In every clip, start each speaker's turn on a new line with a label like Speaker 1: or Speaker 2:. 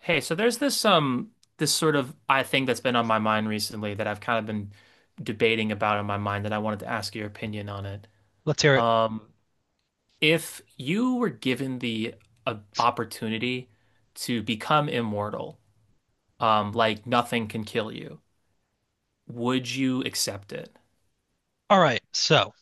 Speaker 1: Hey, so there's this sort of I think that's been on my mind recently that I've kind of been debating about in my mind and I wanted to ask your opinion on it.
Speaker 2: Let's hear it.
Speaker 1: Um, if you were given the opportunity to become immortal, like nothing can kill you, would you accept it?
Speaker 2: All right. So,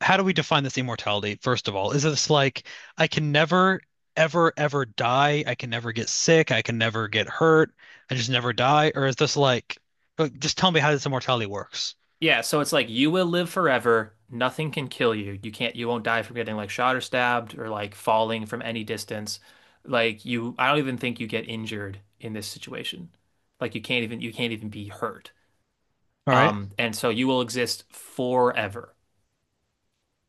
Speaker 2: how do we define this immortality, first of all? Is this like I can never, ever, ever die? I can never get sick. I can never get hurt. I just never die? Or is this like, just tell me how this immortality works?
Speaker 1: Yeah, so it's like you will live forever. Nothing can kill you. You can't, you won't die from getting like shot or stabbed or like falling from any distance. I don't even think you get injured in this situation. Like you can't even be hurt.
Speaker 2: All right.
Speaker 1: And so you will exist forever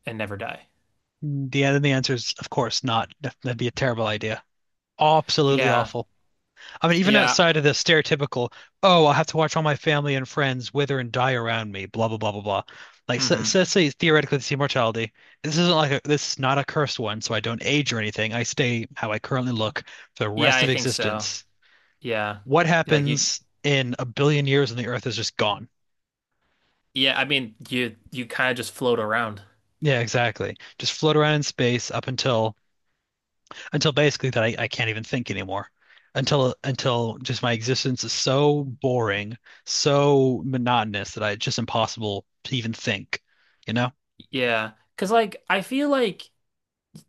Speaker 1: and never die.
Speaker 2: The answer is, of course, not. That'd be a terrible idea. Absolutely
Speaker 1: Yeah.
Speaker 2: awful. I mean, even
Speaker 1: Yeah.
Speaker 2: outside of the stereotypical, oh, I'll have to watch all my family and friends wither and die around me, blah, blah, blah, blah, blah. Like, so,
Speaker 1: Hmm.
Speaker 2: so let's say theoretically this immortality. This is not a cursed one, so I don't age or anything. I stay how I currently look for the
Speaker 1: Yeah,
Speaker 2: rest
Speaker 1: I
Speaker 2: of
Speaker 1: think so.
Speaker 2: existence.
Speaker 1: Yeah.
Speaker 2: What
Speaker 1: Like you,
Speaker 2: happens in a billion years when the Earth is just gone?
Speaker 1: yeah, I mean, you kind of just float around.
Speaker 2: Yeah, exactly. Just float around in space up until basically that I can't even think anymore. Until just my existence is so boring, so monotonous that I it's just impossible to even think, you know?
Speaker 1: Yeah. Cause like, I feel like,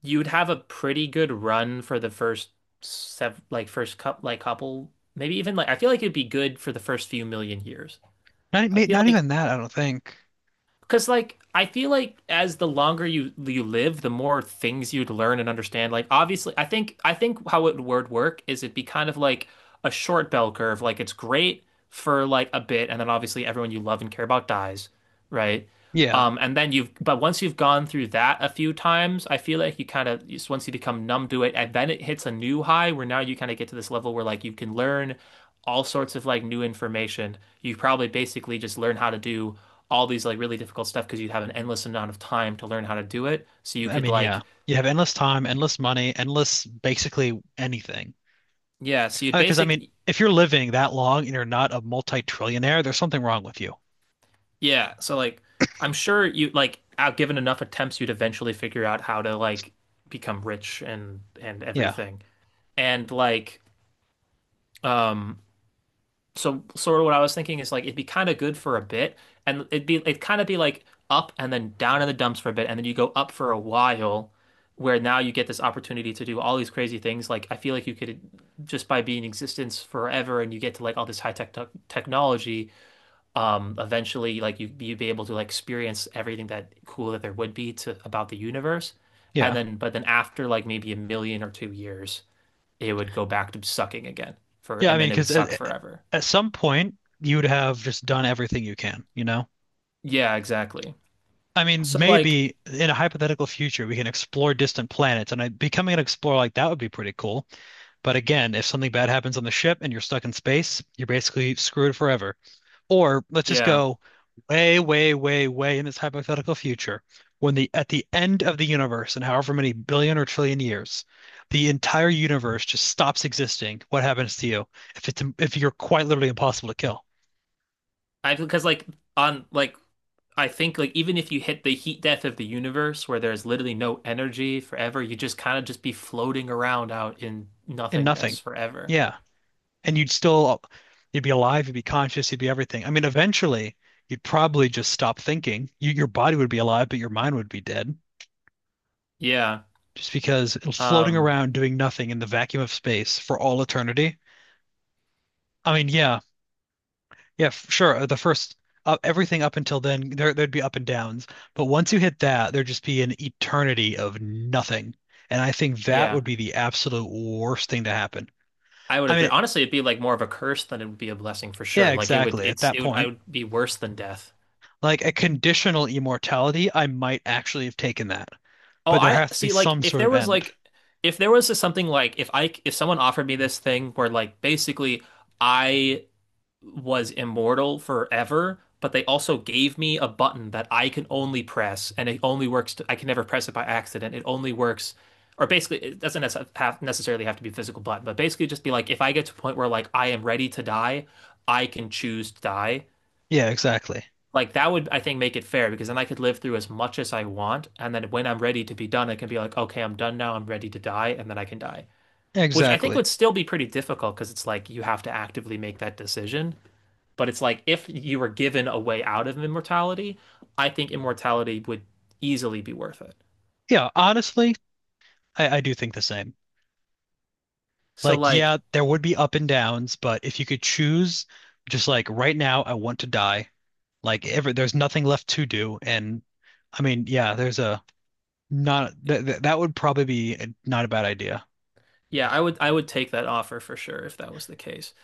Speaker 1: you'd have a pretty good run for the first sev like first cup like couple, maybe even like I feel like it'd be good for the first few million years.
Speaker 2: Not
Speaker 1: I feel
Speaker 2: not
Speaker 1: like
Speaker 2: even that, I don't think.
Speaker 1: as the longer you live, the more things you'd learn and understand. Like obviously, I think how it would work is it'd be kind of like a short bell curve. Like it's great for like a bit, and then obviously everyone you love and care about dies, right?
Speaker 2: Yeah.
Speaker 1: And then you've but once you've gone through that a few times, I feel like you kind of once you become numb to it, and then it hits a new high where now you kind of get to this level where like you can learn all sorts of like new information. You probably basically just learn how to do all these like really difficult stuff because you have an endless amount of time to learn how to do it. So you
Speaker 2: I
Speaker 1: could
Speaker 2: mean, yeah.
Speaker 1: like
Speaker 2: You have endless time, endless money, endless basically anything.
Speaker 1: yeah, so you'd
Speaker 2: 'Cause I mean,
Speaker 1: basic
Speaker 2: if you're living that long and you're not a multi-trillionaire, there's something wrong with you.
Speaker 1: yeah, so like I'm sure you like out given enough attempts you'd eventually figure out how to like become rich and
Speaker 2: Yeah.
Speaker 1: everything. And like um so sort of what I was thinking is like it'd be kind of good for a bit, and it'd kind of be like up and then down in the dumps for a bit, and then you go up for a while, where now you get this opportunity to do all these crazy things. Like I feel like you could just by being in existence forever, and you get to like all this high technology. Eventually, like you'd be able to like experience everything that cool that there would be to about the universe, and
Speaker 2: Yeah.
Speaker 1: then but then after like maybe a million or two years, it would go back to sucking again
Speaker 2: Yeah, I
Speaker 1: and then
Speaker 2: mean,
Speaker 1: it would suck forever.
Speaker 2: at some point you would have just done everything you can?
Speaker 1: Yeah, exactly.
Speaker 2: I mean,
Speaker 1: So like,
Speaker 2: maybe in a hypothetical future, we can explore distant planets, and becoming an explorer like that would be pretty cool. But again, if something bad happens on the ship and you're stuck in space, you're basically screwed forever. Or let's just
Speaker 1: yeah,
Speaker 2: go way, way, way, way in this hypothetical future, when the at the end of the universe, in however many billion or trillion years, the entire universe just stops existing. What happens to you if it's if you're quite literally impossible to kill
Speaker 1: I because like on like I think like even if you hit the heat death of the universe where there's literally no energy forever, you just kind of just be floating around out in
Speaker 2: and nothing?
Speaker 1: nothingness forever.
Speaker 2: Yeah. And you'd be alive, you'd be conscious, you'd be everything. I mean, eventually, you'd probably just stop thinking. Your body would be alive, but your mind would be dead
Speaker 1: Yeah.
Speaker 2: just because it was floating
Speaker 1: Um,
Speaker 2: around doing nothing in the vacuum of space for all eternity. I mean, yeah, yeah, sure. The first, everything up until then, there'd be up and downs. But once you hit that, there'd just be an eternity of nothing. And I think that
Speaker 1: yeah.
Speaker 2: would be the absolute worst thing to happen.
Speaker 1: I would
Speaker 2: I
Speaker 1: agree.
Speaker 2: mean,
Speaker 1: Honestly, it'd be like more of a curse than it would be a blessing for
Speaker 2: yeah,
Speaker 1: sure. Like it would
Speaker 2: exactly. At that
Speaker 1: I
Speaker 2: point,
Speaker 1: would be worse than death.
Speaker 2: like a conditional immortality, I might actually have taken that.
Speaker 1: Oh,
Speaker 2: But there
Speaker 1: I
Speaker 2: has to be
Speaker 1: see like
Speaker 2: some sort of end.
Speaker 1: if there was something like if someone offered me this thing where like basically I was immortal forever, but they also gave me a button that I can only press, and it only works, to, I can never press it by accident. It only works, or basically, it doesn't have necessarily have to be a physical button, but basically, just be like, if I get to a point where like I am ready to die, I can choose to die.
Speaker 2: Yeah, exactly.
Speaker 1: Like that would, I think, make it fair because then I could live through as much as I want, and then when I'm ready to be done, I can be like, okay, I'm done now. I'm ready to die, and then I can die. Which I think
Speaker 2: Exactly.
Speaker 1: would still be pretty difficult because it's like you have to actively make that decision. But it's like if you were given a way out of immortality, I think immortality would easily be worth it.
Speaker 2: Yeah, honestly, I do think the same.
Speaker 1: So
Speaker 2: Like,
Speaker 1: like,
Speaker 2: yeah, there would be up and downs, but if you could choose, just like right now, I want to die. Like, ever, there's nothing left to do. And I mean, yeah, there's a not th th that would probably be not a bad idea.
Speaker 1: yeah, I would take that offer for sure if that was the case.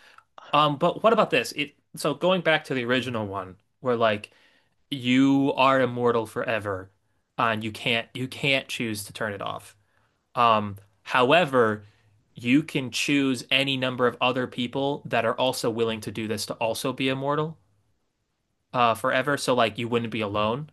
Speaker 1: But what about this? It so going back to the original one where like you are immortal forever and you can't choose to turn it off. Um, however, you can choose any number of other people that are also willing to do this to also be immortal forever. So like you wouldn't be alone.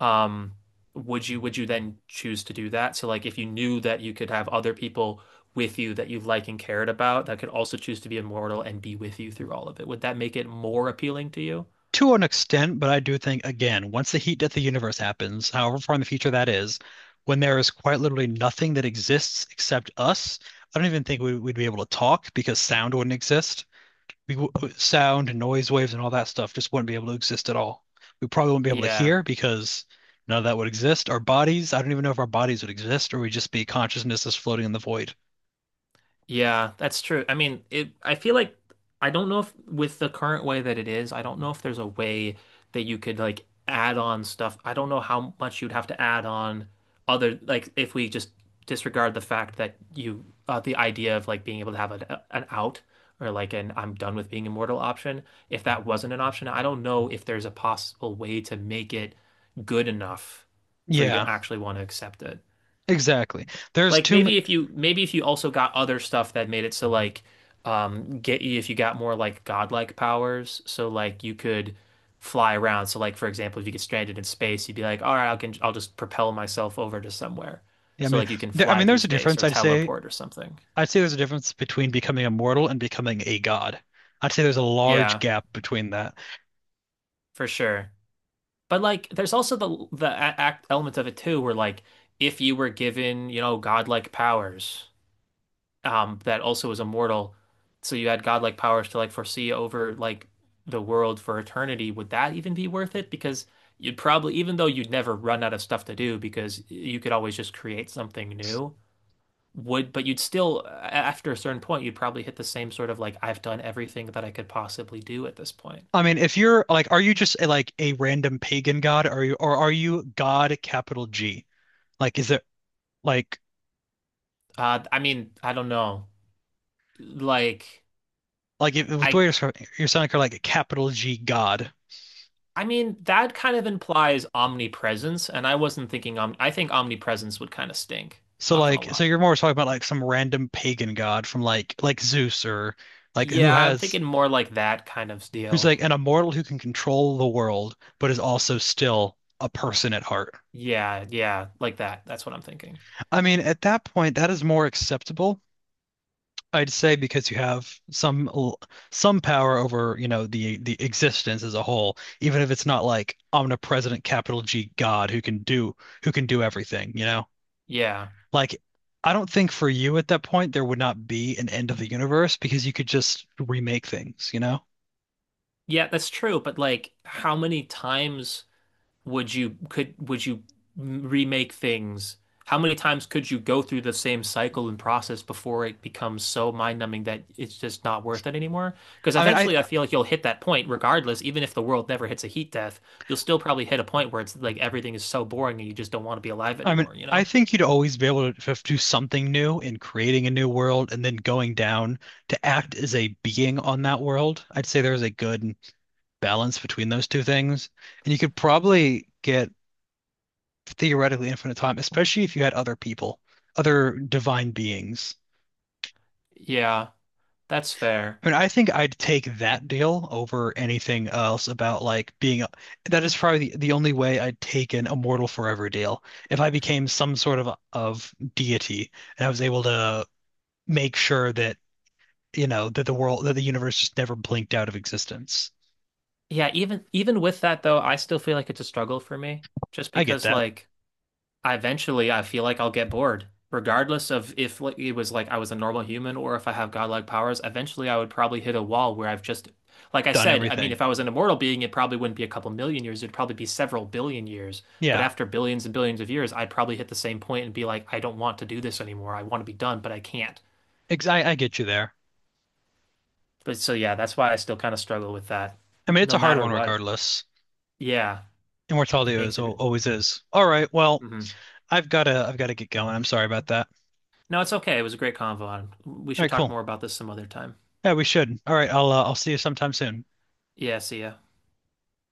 Speaker 1: um would you then choose to do that? So like if you knew that you could have other people with you that you like and cared about that could also choose to be immortal and be with you through all of it, would that make it more appealing to you?
Speaker 2: To an extent, but I do think, again, once the heat death of the universe happens, however far in the future that is, when there is quite literally nothing that exists except us, I don't even think we'd be able to talk because sound wouldn't exist. We, Sound and noise waves and all that stuff just wouldn't be able to exist at all. We probably wouldn't be able to
Speaker 1: Yeah.
Speaker 2: hear because none of that would exist. Our bodies, I don't even know if our bodies would exist or we'd just be consciousnesses floating in the void.
Speaker 1: Yeah, that's true. I mean, it I feel like I don't know if with the current way that it is, I don't know if there's a way that you could like add on stuff. I don't know how much you'd have to add on other like if we just disregard the fact that you the idea of like being able to have an out or like an I'm done with being immortal option, if that wasn't an option, I don't know if there's a possible way to make it good enough for you
Speaker 2: Yeah,
Speaker 1: to actually want to accept it.
Speaker 2: exactly. There's
Speaker 1: Like
Speaker 2: too,
Speaker 1: maybe if you also got other stuff that made it so like get you if you got more like godlike powers, so like you could fly around. So like for example, if you get stranded in space, you'd be like, all right, I'll just propel myself over to somewhere.
Speaker 2: I
Speaker 1: So
Speaker 2: mean,
Speaker 1: like you can
Speaker 2: there, I
Speaker 1: fly
Speaker 2: mean,
Speaker 1: through
Speaker 2: there's a
Speaker 1: space
Speaker 2: difference,
Speaker 1: or
Speaker 2: I'd say.
Speaker 1: teleport or something.
Speaker 2: I'd say there's a difference between becoming immortal and becoming a god. I'd say there's a large
Speaker 1: Yeah,
Speaker 2: gap between that.
Speaker 1: for sure. But like there's also the act element of it too, where like if you were given, you know, godlike powers, that also was immortal. So you had godlike powers to like foresee over like the world for eternity. Would that even be worth it? Because you'd probably, even though you'd never run out of stuff to do, because you could always just create something new. Would, but you'd still, after a certain point, you'd probably hit the same sort of like, I've done everything that I could possibly do at this point.
Speaker 2: I mean, if you're like, are you just like a random pagan god, or are you God capital G? Like, is it like
Speaker 1: I mean, I don't know. Like,
Speaker 2: if, with the way
Speaker 1: I,
Speaker 2: you're describing- you're sounding kind of like a capital G god.
Speaker 1: I mean, that kind of implies omnipresence, and I wasn't thinking om I think omnipresence would kind of stink,
Speaker 2: So
Speaker 1: not gonna
Speaker 2: like, so
Speaker 1: lie.
Speaker 2: you're more talking about like some random pagan god from like Zeus or like who
Speaker 1: Yeah, I'm
Speaker 2: has
Speaker 1: thinking more like that kind of
Speaker 2: who's
Speaker 1: deal.
Speaker 2: like an immortal who can control the world, but is also still a person at heart.
Speaker 1: Yeah, yeah, like that. That's what I'm thinking.
Speaker 2: I mean, at that point, that is more acceptable I'd say because you have some some power over, you know, the existence as a whole, even if it's not like omnipresent capital G God who can do everything, you know?
Speaker 1: Yeah.
Speaker 2: Like I don't think for you at that point there would not be an end of the universe because you could just remake things, you know?
Speaker 1: Yeah, that's true, but like how many times would you could would you m- remake things? How many times could you go through the same cycle and process before it becomes so mind-numbing that it's just not worth it anymore? Because
Speaker 2: I mean,
Speaker 1: eventually I
Speaker 2: I
Speaker 1: feel like you'll hit that point regardless, even if the world never hits a heat death, you'll still probably hit a point where it's like everything is so boring and you just don't want to be alive
Speaker 2: I mean,
Speaker 1: anymore, you know?
Speaker 2: I think you'd always be able to do something new in creating a new world and then going down to act as a being on that world. I'd say there's a good balance between those two things. And you could probably get theoretically infinite time, especially if you had other people, other divine beings.
Speaker 1: Yeah, that's fair.
Speaker 2: I mean, I think I'd take that deal over anything else about that is probably the only way I'd take an immortal forever deal. If I became some sort of deity and I was able to make sure that, you know, that the world that the universe just never blinked out of existence.
Speaker 1: Yeah, even even with that though, I still feel like it's a struggle for me just
Speaker 2: I get
Speaker 1: because
Speaker 2: that.
Speaker 1: like I eventually I feel like I'll get bored regardless of if like it was like I was a normal human or if I have godlike powers, eventually I would probably hit a wall where I've just like I
Speaker 2: Done
Speaker 1: said, I mean
Speaker 2: everything.
Speaker 1: if I was an immortal being it probably wouldn't be a couple million years, it'd probably be several billion years, but
Speaker 2: Yeah.
Speaker 1: after billions and billions of years, I'd probably hit the same point and be like I don't want to do this anymore. I want to be done, but I can't.
Speaker 2: Ex I get you there.
Speaker 1: But so yeah, that's why I still kind of struggle with that
Speaker 2: I mean, it's
Speaker 1: no
Speaker 2: a hard
Speaker 1: matter
Speaker 2: one
Speaker 1: what.
Speaker 2: regardless.
Speaker 1: Yeah,
Speaker 2: Immortality
Speaker 1: it makes it
Speaker 2: always is. All right. Well,
Speaker 1: mhm.
Speaker 2: I've gotta get going. I'm sorry about that.
Speaker 1: No, it's okay. It was a great convo. We
Speaker 2: All
Speaker 1: should
Speaker 2: right,
Speaker 1: talk
Speaker 2: cool.
Speaker 1: more about this some other time.
Speaker 2: Yeah, we should. All right, I'll see you sometime soon.
Speaker 1: Yeah, see ya.